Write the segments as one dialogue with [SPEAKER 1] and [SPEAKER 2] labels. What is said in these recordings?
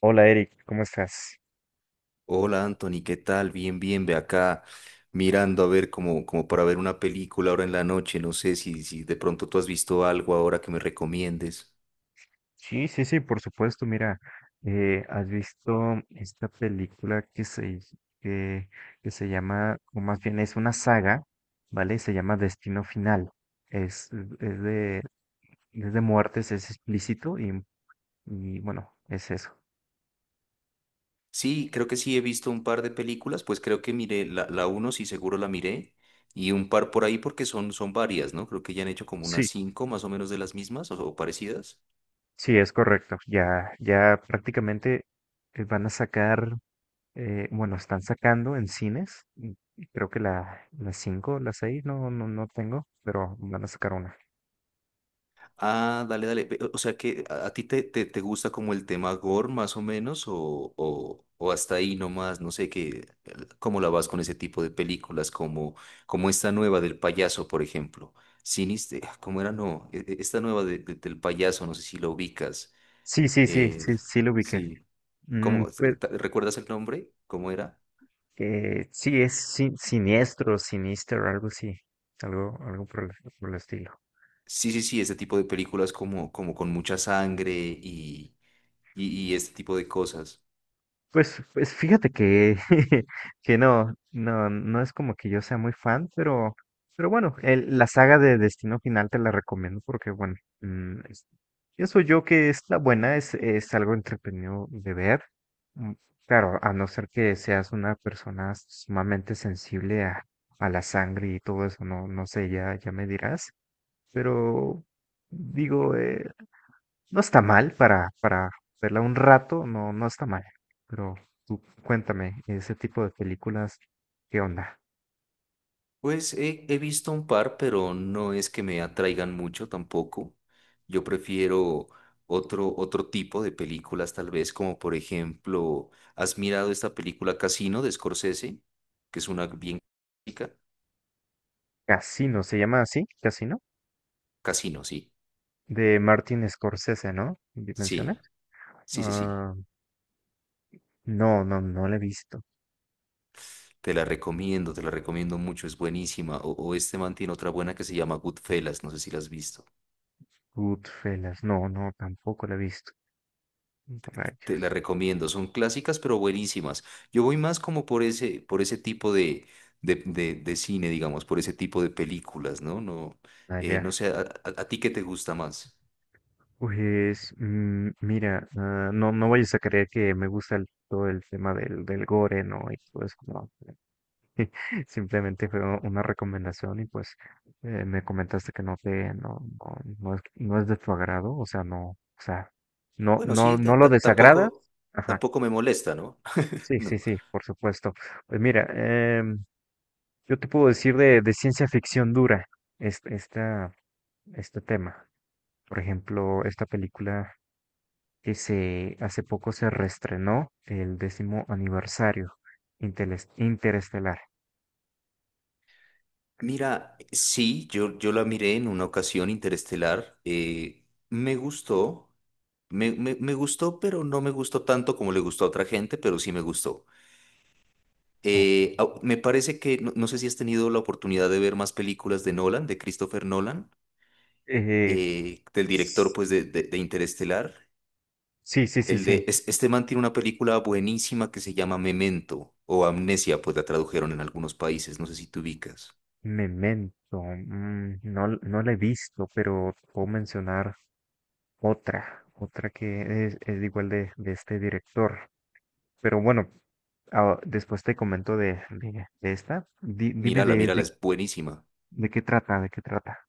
[SPEAKER 1] Hola Eric, ¿cómo estás?
[SPEAKER 2] Hola Anthony, ¿qué tal? Bien, bien, ve acá mirando a ver como para ver una película ahora en la noche. No sé si de pronto tú has visto algo ahora que me recomiendes.
[SPEAKER 1] Sí, sí, sí, por supuesto. Mira, ¿has visto esta película que, que se llama, o más bien es una saga, ¿vale? Se llama Destino Final. Es, es de, es de muertes, es explícito y bueno, es eso.
[SPEAKER 2] Sí, creo que sí he visto un par de películas, pues creo que miré la uno, sí seguro la miré, y un par por ahí porque son varias, ¿no? Creo que ya han hecho como unas
[SPEAKER 1] Sí,
[SPEAKER 2] cinco más o menos de las mismas o parecidas.
[SPEAKER 1] sí, es correcto. Ya prácticamente van a sacar. Bueno, están sacando en cines. Creo que la 5, la 6. No, no, no tengo, pero van a sacar una.
[SPEAKER 2] Ah, dale, dale. Ve, o sea que a ti te gusta como el tema gore más o menos o hasta ahí nomás, no sé qué, cómo la vas con ese tipo de películas como esta nueva del payaso, por ejemplo. Ah, ¿cómo era? No, esta nueva del payaso, no sé si la ubicas.
[SPEAKER 1] Sí, sí, sí,
[SPEAKER 2] Eh,
[SPEAKER 1] sí, sí lo ubiqué.
[SPEAKER 2] sí,
[SPEAKER 1] Mm,
[SPEAKER 2] ¿cómo?
[SPEAKER 1] pues,
[SPEAKER 2] ¿Recuerdas el nombre? ¿Cómo era?
[SPEAKER 1] sí, es siniestro, sinister, algo así. Algo por por el estilo.
[SPEAKER 2] Sí, sí, sí, este tipo de películas como con mucha sangre y este tipo de cosas.
[SPEAKER 1] Pues fíjate que, que no, no es como que yo sea muy fan, pero bueno, la saga de Destino Final te la recomiendo porque, bueno, mm, es- pienso yo que es la buena, es algo entretenido de ver. Mm, claro, a no ser que seas una persona sumamente sensible a la sangre y todo eso, no, no sé, ya me dirás, pero digo, no está mal para verla un rato, no, no está mal. Pero tú cuéntame, ese tipo de películas, ¿qué onda?
[SPEAKER 2] Pues he visto un par, pero no es que me atraigan mucho tampoco. Yo prefiero otro tipo de películas, tal vez, como por ejemplo, ¿has mirado esta película Casino de Scorsese? Que es una bien clásica.
[SPEAKER 1] Casino, ¿se llama así? Casino,
[SPEAKER 2] Casino, sí.
[SPEAKER 1] de Martin Scorsese, ¿no? ¿Me Mencionas?
[SPEAKER 2] Sí, sí, sí, sí.
[SPEAKER 1] Ah, no, no, no la he visto.
[SPEAKER 2] Te la recomiendo mucho, es buenísima. O este man tiene otra buena que se llama Goodfellas, no sé si la has visto.
[SPEAKER 1] Goodfellas, no, no, tampoco la he visto.
[SPEAKER 2] Te
[SPEAKER 1] Rayos,
[SPEAKER 2] la recomiendo, son clásicas pero buenísimas. Yo voy más como por ese tipo de cine, digamos, por ese tipo de películas, ¿no? No, no
[SPEAKER 1] allá.
[SPEAKER 2] sé. A ti qué te gusta más?
[SPEAKER 1] Mira, ah, no, no vayas a creer que me gusta todo el tema del gore, ¿no? Y todo eso, no. Simplemente fue una recomendación y pues me comentaste que no te, no, no, no es, no es de tu agrado, o sea, no,
[SPEAKER 2] Bueno,
[SPEAKER 1] no,
[SPEAKER 2] sí,
[SPEAKER 1] no
[SPEAKER 2] ta-
[SPEAKER 1] lo
[SPEAKER 2] ta-
[SPEAKER 1] desagradas.
[SPEAKER 2] tampoco,
[SPEAKER 1] Ajá,
[SPEAKER 2] tampoco me molesta, ¿no?
[SPEAKER 1] sí, sí,
[SPEAKER 2] No.
[SPEAKER 1] sí, por supuesto. Pues mira, em, yo te puedo decir de ciencia ficción dura este, esta, este tema. Por ejemplo, esta película hace poco se reestrenó el décimo aniversario, Interestelar.
[SPEAKER 2] Mira, sí, yo la miré en una ocasión interestelar, me gustó, me gustó, pero no me gustó tanto como le gustó a otra gente, pero sí me gustó.
[SPEAKER 1] o-
[SPEAKER 2] Me parece que, no, no sé si has tenido la oportunidad de ver más películas de Nolan, de Christopher Nolan,
[SPEAKER 1] eh,
[SPEAKER 2] del director
[SPEAKER 1] s-
[SPEAKER 2] pues de Interestelar.
[SPEAKER 1] sí.
[SPEAKER 2] Este man tiene una película buenísima que se llama Memento o Amnesia, pues la tradujeron en algunos países, no sé si te ubicas.
[SPEAKER 1] Memento, mm, no, no la he visto, pero puedo mencionar otra que es igual de este director. Pero bueno, ah, después te comento de esta. Dime
[SPEAKER 2] Mírala, mírala, es buenísima.
[SPEAKER 1] de qué trata, de qué trata.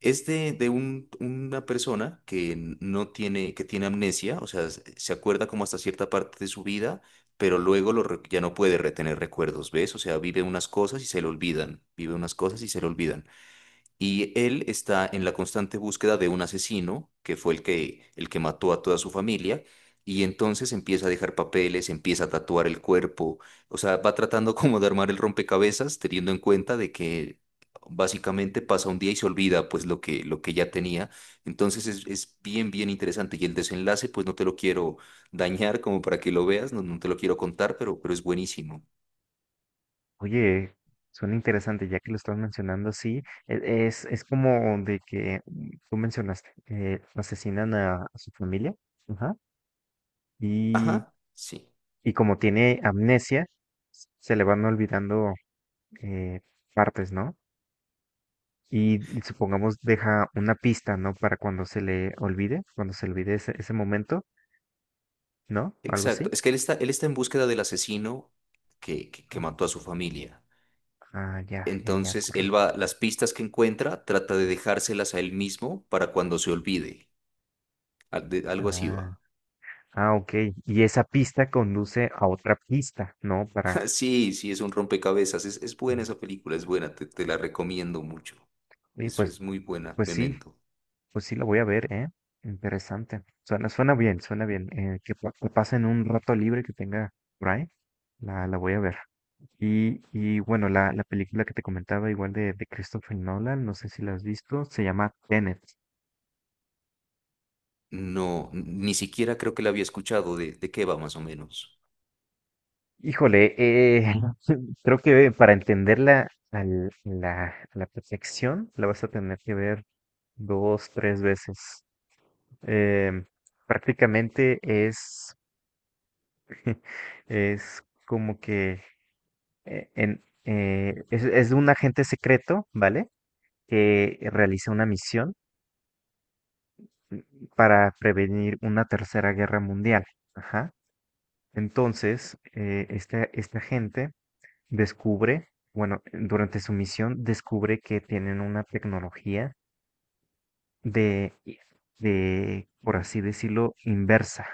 [SPEAKER 2] Es de una persona que no tiene, que tiene amnesia, o sea, se acuerda como hasta cierta parte de su vida, pero luego ya no puede retener recuerdos, ¿ves? O sea, vive unas cosas y se le olvidan, vive unas cosas y se le olvidan. Y él está en la constante búsqueda de un asesino, que fue el que mató a toda su familia, y entonces empieza a dejar papeles, empieza a tatuar el cuerpo, o sea, va tratando como de armar el rompecabezas, teniendo en cuenta de que básicamente pasa un día y se olvida pues lo que ya tenía. Entonces es bien, bien interesante. Y el desenlace, pues no te lo quiero dañar como para que lo veas, no, no te lo quiero contar, pero es buenísimo.
[SPEAKER 1] Oye, suena interesante, ya que lo estás mencionando así, es como de que tú mencionaste, asesinan a su familia, ajá.
[SPEAKER 2] Ajá, sí.
[SPEAKER 1] Y como tiene amnesia, se le van olvidando eh, partes, ¿no? Y supongamos deja una pista, ¿no? Para cuando se le olvide, cuando se olvide ese momento, ¿no? Algo
[SPEAKER 2] Exacto,
[SPEAKER 1] así.
[SPEAKER 2] es que él está en búsqueda del asesino que mató a su familia.
[SPEAKER 1] Ah, ya, ya, ya,
[SPEAKER 2] Entonces, él
[SPEAKER 1] correcto.
[SPEAKER 2] va, las pistas que encuentra, trata de dejárselas a él mismo para cuando se olvide. Algo así
[SPEAKER 1] Ah,
[SPEAKER 2] va.
[SPEAKER 1] ah, ok. Y esa pista conduce a otra pista, ¿no? Para...
[SPEAKER 2] Sí, sí, es un rompecabezas. Es buena
[SPEAKER 1] mm,
[SPEAKER 2] esa película, es buena, te la recomiendo mucho.
[SPEAKER 1] y
[SPEAKER 2] Es,
[SPEAKER 1] pues,
[SPEAKER 2] es muy buena,
[SPEAKER 1] pues sí,
[SPEAKER 2] Memento.
[SPEAKER 1] pues sí, la voy a ver, ¿eh? Interesante. Suena bien, suena bien. Que pasen un rato libre que tenga por ahí, la voy a ver. Y bueno, la película que te comentaba, igual de Christopher Nolan, no sé si la has visto, se llama Tenet.
[SPEAKER 2] No, ni siquiera creo que la había escuchado. ¿De qué va más o menos?
[SPEAKER 1] Híjole, creo que para entenderla a la perfección, la vas a tener que ver dos, tres veces. Em, Prácticamente es como que es de un agente secreto, ¿vale? Que realiza una misión mm, para prevenir una tercera guerra mundial. Ajá. Entonces, este agente descubre, bueno, durante su misión descubre que tienen una tecnología de, de, por así decirlo, inversa.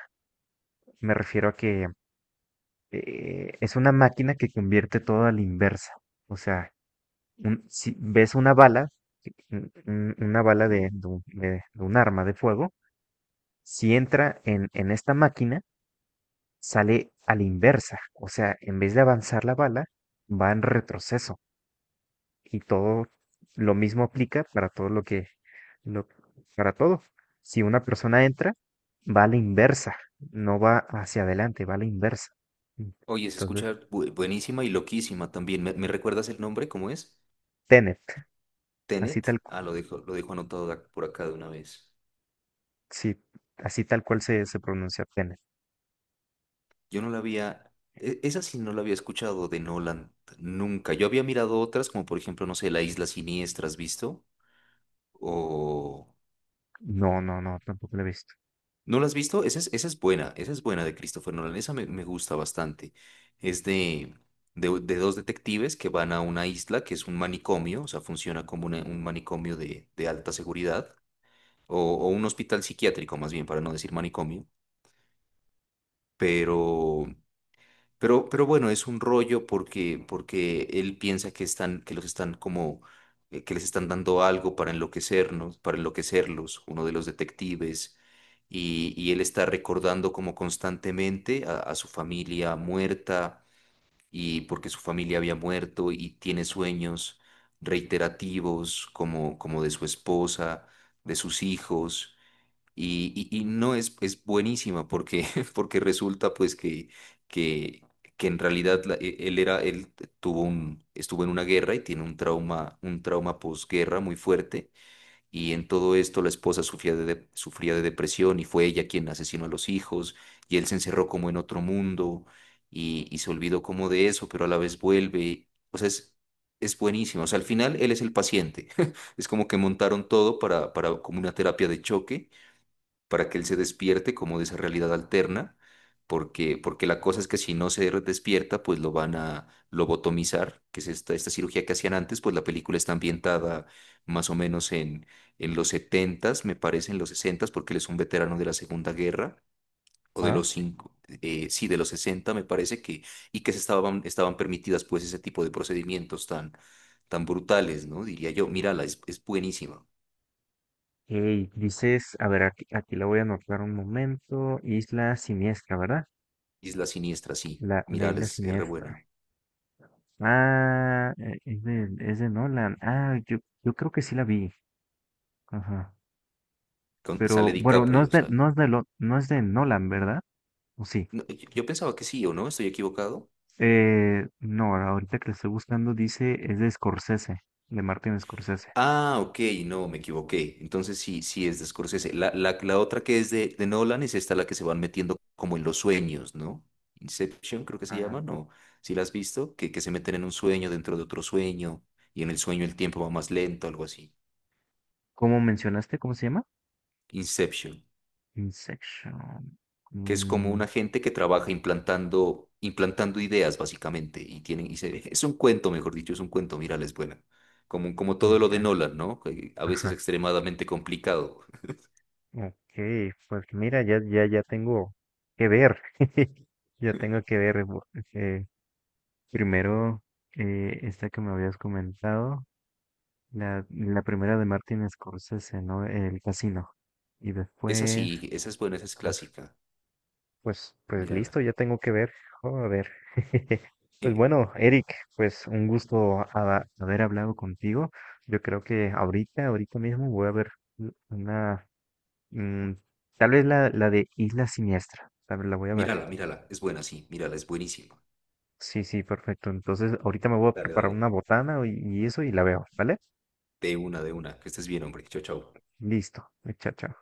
[SPEAKER 1] Me refiero a que es una máquina que convierte todo a la inversa. O sea, si ves una bala, si, un- una bala de un arma de fuego, si entra en esta máquina, sale a la inversa. O sea, en vez de avanzar la bala, va en retroceso. Y todo lo mismo aplica para todo lo- para todo. Si una persona entra, va a la inversa, no va hacia adelante, va a la inversa.
[SPEAKER 2] Oye, se
[SPEAKER 1] Entonces,
[SPEAKER 2] escucha buenísima y loquísima también. ¿Me recuerdas el nombre? ¿Cómo es?
[SPEAKER 1] Tenet, así tal,
[SPEAKER 2] Tenet,
[SPEAKER 1] cu-
[SPEAKER 2] ah, lo dijo anotado por acá de una vez.
[SPEAKER 1] sí, así tal cual se, se pronuncia Tenet.
[SPEAKER 2] Yo no la había, esa sí no la había escuchado de Nolan nunca. Yo había mirado otras, como por ejemplo, no sé, La Isla Siniestra, ¿has visto? O.
[SPEAKER 1] No, no, no, tampoco la he visto.
[SPEAKER 2] ¿No la has visto? Esa es buena, esa es buena de Christopher Nolan, esa me gusta bastante. Es de dos detectives que van a una isla que es un manicomio, o sea, funciona como un manicomio de alta seguridad, o un hospital psiquiátrico más bien, para no decir manicomio. Pero Pero, pero bueno, es un rollo porque él piensa que que los están como, que les están dando algo para enloquecernos, para enloquecerlos, uno de los detectives, y él está recordando como constantemente a su familia muerta, y porque su familia había muerto, y tiene sueños reiterativos como de su esposa, de sus hijos. Y no es, es buenísima porque, porque resulta pues que, que en realidad la- e- él era, él tuvo un, estuvo en una guerra y tiene un trauma posguerra muy fuerte y en todo esto la esposa sufría de depresión y fue ella quien asesinó a los hijos y él se encerró como en otro mundo y se olvidó como de eso, pero a la vez vuelve. O sea, es buenísima. O sea, al final él es el paciente. Es como que montaron todo para, como una terapia de choque para que él se despierte como de esa realidad alterna, porque la cosa es que si no se despierta, pues lo van a lobotomizar, que es esta cirugía que hacían antes, pues la película está ambientada más o menos en los 70 me parece, en los 60 porque él es un veterano de la Segunda Guerra. O de
[SPEAKER 1] Ah,
[SPEAKER 2] los cinco, sí, de los 60 me parece que, y que estaban permitidas pues ese tipo de procedimientos tan, tan brutales, ¿no? Diría yo, mírala, es buenísima.
[SPEAKER 1] ok, dices, a ver, aquí, aquí la voy a anotar un momento. Isla Siniestra, ¿verdad?
[SPEAKER 2] Isla Siniestra, sí,
[SPEAKER 1] La
[SPEAKER 2] mírala,
[SPEAKER 1] Isla
[SPEAKER 2] es re
[SPEAKER 1] Siniestra.
[SPEAKER 2] buena.
[SPEAKER 1] Ah, es de Nolan. Ah, yo creo que sí la vi. Ajá.
[SPEAKER 2] Con,
[SPEAKER 1] Pero
[SPEAKER 2] sale
[SPEAKER 1] bueno, no
[SPEAKER 2] DiCaprio,
[SPEAKER 1] es
[SPEAKER 2] o
[SPEAKER 1] de,
[SPEAKER 2] sea.
[SPEAKER 1] no es no es de Nolan, ¿verdad? ¿O sí?
[SPEAKER 2] No, yo pensaba que sí, ¿o no? ¿Estoy equivocado?
[SPEAKER 1] No, ahorita que la estoy buscando dice, es de Scorsese, de Martin Scorsese.
[SPEAKER 2] Ah, ok, no, me equivoqué. Entonces sí, sí es de Scorsese. La otra que es de Nolan es esta la que se van metiendo como en los sueños, ¿no? Inception creo que se
[SPEAKER 1] Ah,
[SPEAKER 2] llama, ¿no? ¿Si la has visto? Que se meten en un sueño dentro de otro sueño y en el sueño el tiempo va más lento, algo así.
[SPEAKER 1] ¿cómo mencionaste? ¿Cómo se llama?
[SPEAKER 2] Inception.
[SPEAKER 1] Inception.
[SPEAKER 2] Que es como
[SPEAKER 1] Mm,
[SPEAKER 2] una gente que trabaja implantando ideas básicamente y es un cuento, mejor dicho, es un cuento, mírala, es buena. Como
[SPEAKER 1] ah,
[SPEAKER 2] todo lo
[SPEAKER 1] ya.
[SPEAKER 2] de Nolan, ¿no? Que a veces extremadamente complicado.
[SPEAKER 1] Ok, pues mira, ya tengo que ver. Ya tengo que ver. Eh, Primero, esta que me habías comentado, la primera de Martin Scorsese, ¿no? El casino. Y
[SPEAKER 2] Esa
[SPEAKER 1] después,
[SPEAKER 2] sí, esa es buena, esa es
[SPEAKER 1] no,
[SPEAKER 2] clásica.
[SPEAKER 1] pues, pues
[SPEAKER 2] Mírala.
[SPEAKER 1] listo, ya tengo que ver. Joder. Pues
[SPEAKER 2] Eh,
[SPEAKER 1] bueno, Eric, pues un gusto haber hablado contigo. Yo creo que ahorita mismo voy a ver una. Mm, tal vez la de Isla Siniestra. A ver, la voy a ver.
[SPEAKER 2] Mírala, mírala, es buena, sí, mírala, es buenísima.
[SPEAKER 1] Sí, sí, perfecto. Entonces, ahorita me voy a
[SPEAKER 2] Dale,
[SPEAKER 1] preparar
[SPEAKER 2] dale.
[SPEAKER 1] una botana y eso y la veo, ¿vale?
[SPEAKER 2] De una, de una. Que estés bien, hombre. Chao, chao.
[SPEAKER 1] Listo, chao, chao.